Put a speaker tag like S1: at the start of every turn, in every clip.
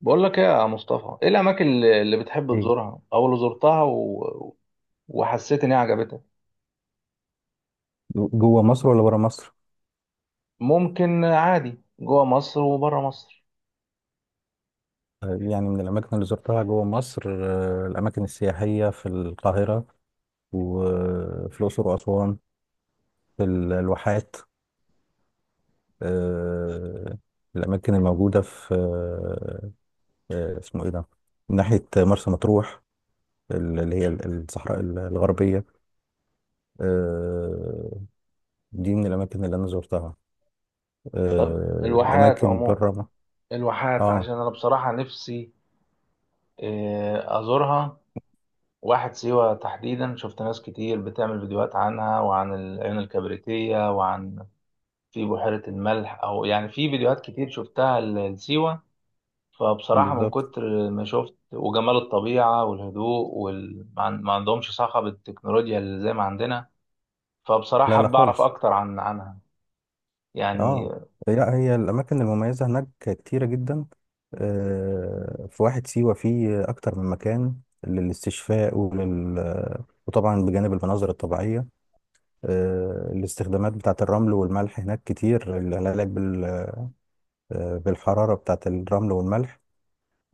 S1: بقول لك ايه يا مصطفى، ايه الاماكن اللي بتحب
S2: ايه.
S1: تزورها او اللي زرتها و... وحسيت ان هي عجبتك.
S2: جوه مصر ولا بره مصر؟
S1: ممكن عادي جوه مصر وبره مصر.
S2: يعني من الأماكن اللي زرتها جوه مصر، الأماكن السياحية في القاهرة، وفي الأقصر وأسوان، في الواحات. آه، الأماكن الموجودة في، اسمه إيه ده؟ من ناحية مرسى مطروح، اللي هي الصحراء الغربية. آه، دي من الأماكن اللي أنا زرتها.
S1: طب الواحات
S2: الأماكن
S1: عموما،
S2: بره
S1: الواحات
S2: آه
S1: عشان انا بصراحة نفسي، ازورها. واحد سيوة تحديدا، شفت ناس كتير بتعمل فيديوهات عنها وعن العين الكبريتية في بحيرة الملح، او يعني في فيديوهات كتير شفتها لسيوة. فبصراحة من
S2: بالظبط.
S1: كتر ما شفت وجمال الطبيعة والهدوء ما عندهمش صخب التكنولوجيا اللي زي ما عندنا.
S2: لا
S1: فبصراحة
S2: لا
S1: بعرف
S2: خالص.
S1: أكتر عنها يعني.
S2: اه لا، هي الاماكن المميزه هناك كتيره جدا. في واحد سيوه فيه اكتر من مكان للاستشفاء وطبعا بجانب المناظر الطبيعيه. الاستخدامات بتاعه الرمل والملح هناك كتير، العلاج بالحراره بتاعه الرمل والملح.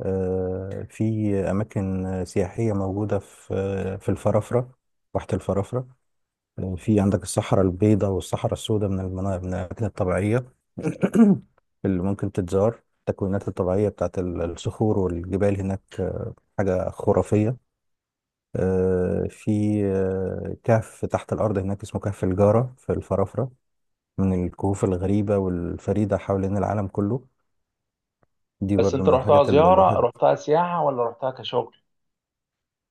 S2: في اماكن سياحيه موجوده في الفرافره، واحه الفرافره. في عندك الصحراء البيضاء والصحراء السوداء، من من الأماكن الطبيعية اللي ممكن تتزار، التكوينات الطبيعية بتاعت الصخور والجبال هناك، حاجة خرافية. آه، في آه، كهف تحت الأرض هناك اسمه كهف الجارة في الفرافرة، من الكهوف الغريبة والفريدة حوالين العالم كله. دي
S1: بس
S2: برضو
S1: أنت
S2: من
S1: رحتها
S2: الحاجات اللي
S1: زيارة،
S2: الواحد.
S1: رحتها سياحة ولا رحتها كشغل؟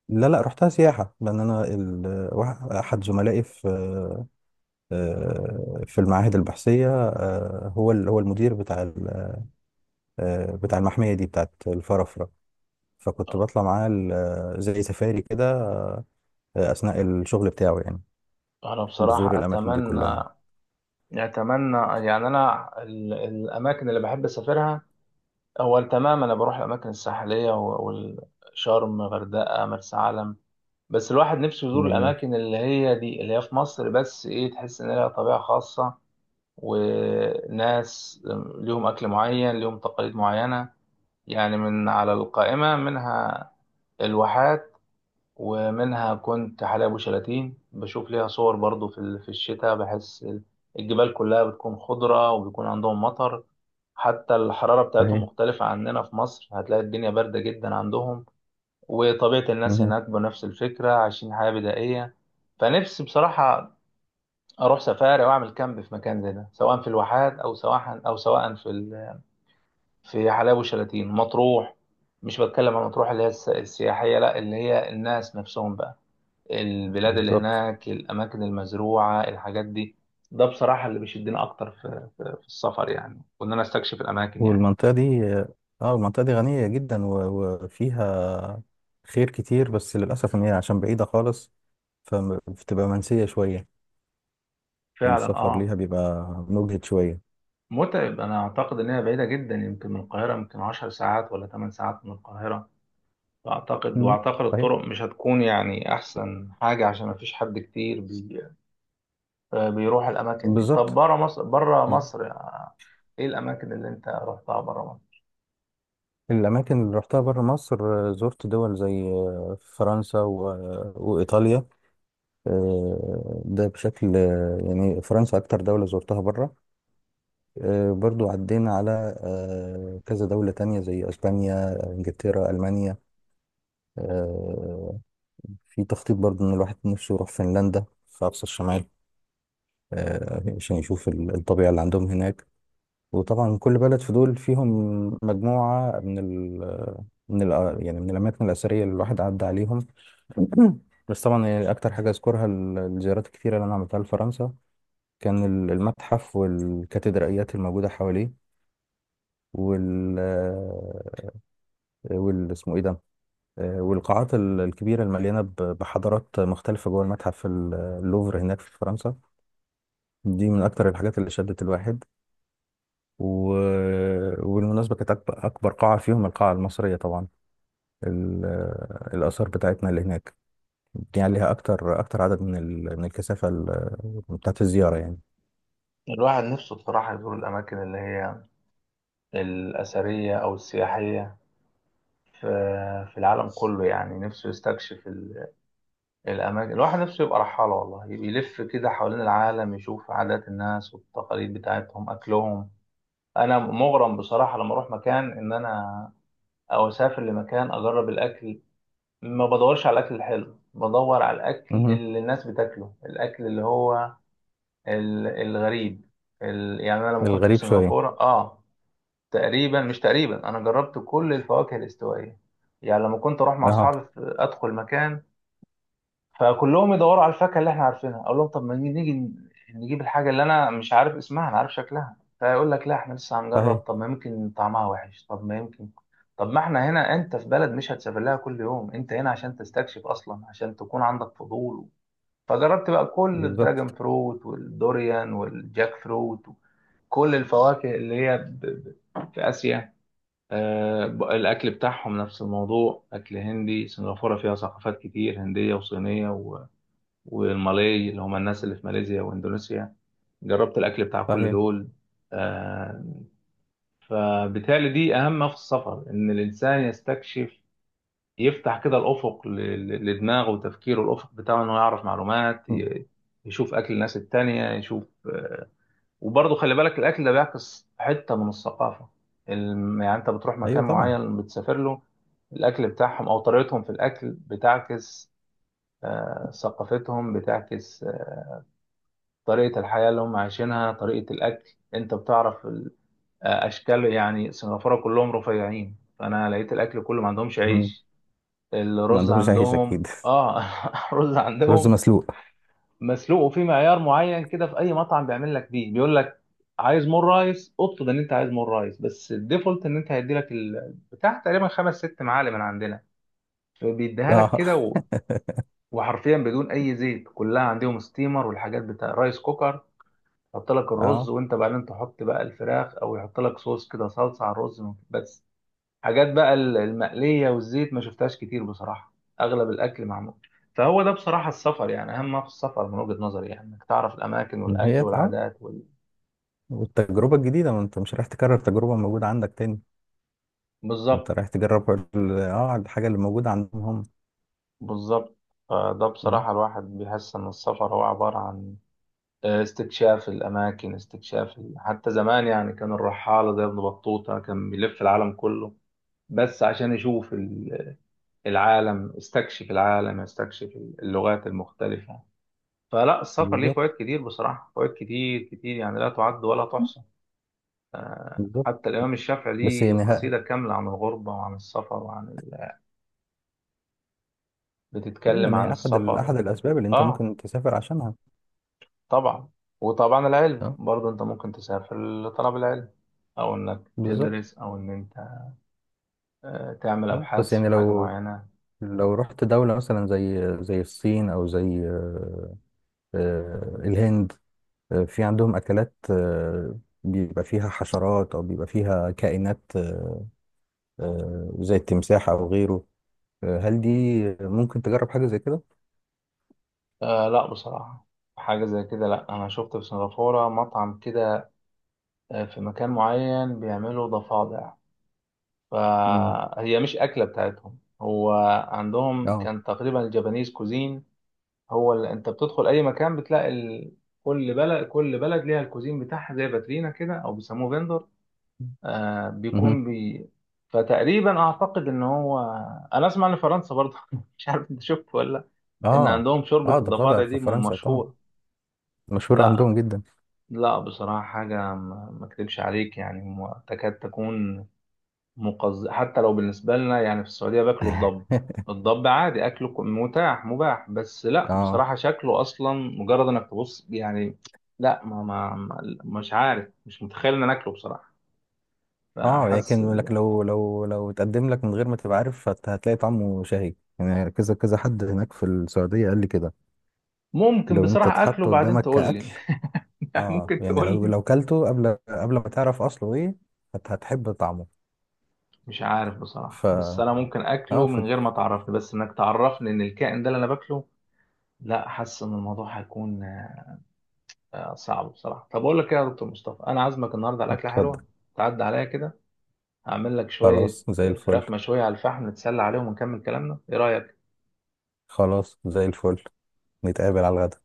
S2: لا لا رحتها سياحة، لأن أنا أحد زملائي في، في المعاهد البحثية، هو هو المدير بتاع، بتاع المحمية دي بتاعت الفرافرة. فكنت بطلع معاه زي سفاري كده، أثناء الشغل بتاعه يعني.
S1: أنا
S2: بزور
S1: بصراحة
S2: الأماكن دي
S1: أتمنى
S2: كلها.
S1: أتمنى يعني أنا الأماكن اللي بحب أسافرها، أول تمام أنا بروح الأماكن الساحلية، و- والشرم غردقة مرسى علم. بس الواحد نفسه يزور
S2: جميل.
S1: الأماكن اللي هي دي، اللي هي في مصر، بس تحس إن لها طبيعة خاصة، وناس ليهم أكل معين، ليهم تقاليد معينة، يعني من على القائمة منها الواحات، ومنها كنت حلايب وشلاتين، بشوف ليها صور برضو في الشتاء، بحس الجبال كلها بتكون خضرة وبيكون عندهم مطر. حتى الحرارة بتاعتهم
S2: صحيح.
S1: مختلفة عننا في مصر، هتلاقي الدنيا باردة جدا عندهم، وطبيعة الناس
S2: مهم.
S1: هناك بنفس الفكرة، عايشين حياة بدائية. فنفسي بصراحة أروح سفاري وأعمل كامب في مكان زي ده، سواء في الواحات أو سواء في حلايب وشلاتين، مطروح. مش بتكلم عن مطروح اللي هي السياحية، لا، اللي هي الناس نفسهم بقى، البلاد اللي
S2: بالظبط.
S1: هناك، الأماكن المزروعة، الحاجات دي. ده بصراحة اللي بيشدني أكتر في السفر، يعني وإن أنا أستكشف الأماكن يعني.
S2: والمنطقة دي، المنطقة دي غنية جدا وفيها خير كتير، بس للأسف إن هي عشان بعيدة خالص فبتبقى منسية شوية،
S1: فعلا،
S2: السفر ليها
S1: آه.
S2: بيبقى مجهد شوية.
S1: متعب، أنا أعتقد إن هي بعيدة جدا، يمكن من القاهرة يمكن 10 ساعات ولا 8 ساعات من القاهرة. فأعتقد
S2: مم.
S1: وأعتقد
S2: صحيح.
S1: الطرق مش هتكون يعني أحسن حاجة، عشان مفيش حد كتير بيروح الأماكن دي. طب
S2: بالظبط.
S1: برا مصر، إيه الأماكن اللي أنت رحتها برا مصر؟
S2: الأماكن اللي رحتها بره مصر، زرت دول زي فرنسا وإيطاليا. ده بشكل، يعني فرنسا أكتر دولة زرتها بره. برضو عدينا على كذا دولة تانية زي أسبانيا، إنجلترا، ألمانيا. آه، في تخطيط برضو إن الواحد نفسه يروح فنلندا في أقصى الشمال، عشان يشوف الطبيعة اللي عندهم هناك. وطبعا كل بلد في دول فيهم مجموعة من ال من ال يعني من الأماكن الأثرية اللي الواحد عدى عليهم. بس طبعا يعني اكتر حاجه اذكرها الزيارات الكتيره اللي انا عملتها لفرنسا، كان المتحف والكاتدرائيات الموجوده حواليه، وال آه، وال اسمه ايه ده؟ والقاعات الكبيره المليانه بحضارات مختلفه جوه المتحف اللوفر هناك في فرنسا. دي من اكتر الحاجات اللي شدت الواحد و... وبالمناسبه كانت اكبر قاعه فيهم، القاعه المصريه طبعا. ال- الاثار بتاعتنا اللي هناك، دي عليها اكتر اكتر عدد من الكثافه بتاعت الزياره يعني.
S1: الواحد نفسه بصراحة يزور الأماكن اللي هي الأثرية أو السياحية في في العالم كله، يعني نفسه يستكشف الأماكن. الواحد نفسه يبقى رحالة والله، يلف كده حوالين العالم، يشوف عادات الناس والتقاليد بتاعتهم، أكلهم. أنا مغرم بصراحة لما أروح مكان، إن أنا أو أسافر لمكان، أجرب الأكل. ما بدورش على الأكل الحلو، بدور على الأكل
S2: مهم.
S1: اللي الناس بتاكله، الأكل اللي هو الغريب، يعني أنا لما كنت في
S2: الغريب شوية.
S1: سنغافورة، تقريبا، مش تقريبا، أنا جربت كل الفواكه الاستوائية. يعني لما كنت أروح مع
S2: اه.
S1: أصحابي أدخل مكان، فكلهم يدوروا على الفاكهه اللي احنا عارفينها، اقول لهم طب ما نيجي، نيجي نجيب الحاجه اللي انا مش عارف اسمها، انا عارف شكلها. فيقول لك لا، احنا لسه هنجرب،
S2: صحيح.
S1: طب ما يمكن طعمها وحش، طب ما يمكن. طب ما احنا هنا، انت في بلد مش هتسافر لها كل يوم، انت هنا عشان تستكشف اصلا، عشان تكون عندك فضول. فجربت بقى كل
S2: بالظبط.
S1: الدراجون فروت والدوريان والجاك فروت، كل الفواكه اللي هي في اسيا. الاكل بتاعهم نفس الموضوع، اكل هندي، سنغافوره فيها ثقافات كتير هنديه وصينيه، والمالاي اللي هم الناس اللي في ماليزيا واندونيسيا، جربت الاكل بتاع كل
S2: صحيح.
S1: دول. آه، فبالتالي دي اهم في السفر، ان الانسان يستكشف، يفتح كده الافق لدماغه وتفكيره، الافق بتاعه انه يعرف معلومات،
S2: م.
S1: يشوف اكل الناس التانية، يشوف. وبرضه خلي بالك الاكل ده بيعكس حتة من الثقافة يعني انت بتروح
S2: ايوه
S1: مكان
S2: طبعا.
S1: معين، بتسافر له، الاكل بتاعهم او طريقتهم في الاكل بتعكس، ثقافتهم بتعكس، طريقة الحياة اللي هم عايشينها، طريقة الأكل، أنت بتعرف أشكال، يعني سنغافورة كلهم رفيعين، فأنا لقيت الأكل كله ما عندهمش
S2: مهم.
S1: عيش.
S2: ما
S1: الرز
S2: عندهمش عيش
S1: عندهم،
S2: اكيد.
S1: رز
S2: رز
S1: عندهم
S2: مسلوق.
S1: مسلوق، وفي معيار معين كده في أي مطعم بيعمل لك بيه، بيقول لك عايز مور رايس، اطلب ان انت عايز مور رايس، بس الديفولت ان انت هيدي لك البتاع تقريبا 5 6 معالق من عندنا، فبيديها لك
S2: اه.
S1: كده و... وحرفيا بدون اي زيت، كلها عندهم ستيمر والحاجات بتاع رايس كوكر، يحط لك الرز
S2: اه.
S1: وانت بعدين تحط بقى الفراخ، او يحط لك صوص كده، صلصه على الرز بس. حاجات بقى المقليه والزيت ما شفتهاش كتير بصراحه، اغلب الاكل معمول. فهو ده بصراحه السفر، يعني اهم ما في السفر من وجهه نظري، يعني انك تعرف الاماكن
S2: ما هي
S1: والاكل
S2: اه،
S1: والعادات
S2: والتجربة الجديدة، ما انت مش رايح تكرر تجربة موجودة عندك تاني. انت
S1: بالظبط.
S2: رايح تجرب الحاجة اللي موجودة عندهم هم.
S1: بالظبط. فده
S2: مم.
S1: بصراحه الواحد بيحس ان السفر هو عباره عن استكشاف الاماكن، استكشاف حتى زمان يعني كان الرحاله زي ابن بطوطه كان بيلف العالم كله، بس عشان يشوف العالم، استكشف العالم، استكشف اللغات المختلفة. فلا السفر ليه فوائد
S2: بالظبط.
S1: كتير بصراحة، فوائد كتير كتير يعني، لا تعد ولا تحصى.
S2: بالظبط.
S1: حتى الإمام الشافعي
S2: بس
S1: ليه
S2: يعني ها،
S1: قصيدة كاملة عن الغربة وعن السفر وعن
S2: ايوه
S1: بتتكلم
S2: ان
S1: عن
S2: هي
S1: السفر
S2: احد الاسباب اللي انت
S1: آه،
S2: ممكن تسافر عشانها.
S1: طبعا. وطبعا العلم
S2: اه.
S1: برضه، أنت ممكن تسافر لطلب العلم، أو إنك
S2: بالظبط.
S1: تدرس، أو إن أنت تعمل
S2: اه بس
S1: أبحاث
S2: يعني
S1: في حاجة معينة.
S2: لو رحت دولة مثلا زي الصين او زي، الهند، في عندهم أكلات، بيبقى فيها حشرات أو بيبقى فيها كائنات، زي التمساح أو غيره. هل دي ممكن تجرب حاجة زي كده؟
S1: آه، لا بصراحة. حاجة زي كده، لا. أنا شفت في سنغافورة مطعم كده، في مكان معين بيعملوا ضفادع،
S2: مم.
S1: فهي مش أكلة بتاعتهم. هو عندهم
S2: اه.
S1: كان تقريبا الجابانيز كوزين، هو اللي انت بتدخل اي مكان بتلاقي كل بلد كل بلد ليها الكوزين بتاعها، زي باترينا كده او بيسموه فيندور.
S2: مهم.
S1: بيكون فتقريبا اعتقد ان هو، انا اسمع ان فرنسا برضه مش عارف انت شفت ولا لأ، ان
S2: اه.
S1: عندهم
S2: اه
S1: شوربة
S2: ده فضع
S1: الضفادع
S2: في
S1: دي
S2: فرنسا طبعا،
S1: مشهورة.
S2: مشهور
S1: لا،
S2: عندهم جدا.
S1: لا بصراحة، حاجة ما اكذبش عليك يعني، تكاد تكون حتى لو بالنسبة لنا يعني في السعودية باكلوا الضب. الضب عادي أكله متاح مباح، بس لا
S2: اه.
S1: بصراحة شكله أصلا مجرد إنك تبص يعني. لا، ما مش عارف، مش متخيل إن أنا أكله بصراحة.
S2: اه
S1: فحاسس
S2: لكن لو اتقدم لك من غير ما تبقى عارف هتلاقي طعمه شهي يعني، كذا كذا حد هناك في السعودية قال لي كده.
S1: ممكن
S2: لو انت
S1: بصراحة أكله
S2: اتحط
S1: بعدين
S2: قدامك
S1: تقول
S2: كأكل،
S1: لي.
S2: اه
S1: ممكن
S2: يعني
S1: تقول لي.
S2: لو كلته قبل ما تعرف اصله ايه هتحب طعمه.
S1: مش عارف
S2: ف
S1: بصراحة، بس أنا ممكن
S2: اه
S1: أكله
S2: ف...
S1: من غير ما تعرفني، بس إنك تعرفني إن الكائن ده اللي أنا باكله. لا، حاسس إن الموضوع هيكون صعب بصراحة. طب أقول لك إيه يا دكتور مصطفى، أنا عازمك النهاردة على أكلة حلوة،
S2: اتفضل.
S1: تعدي عليا كده، أعمل لك شوية
S2: خلاص زي الفل.
S1: فراخ مشوية على الفحم، نتسلى عليهم ونكمل كلامنا، إيه رأيك؟
S2: خلاص زي الفل. نتقابل على الغدا.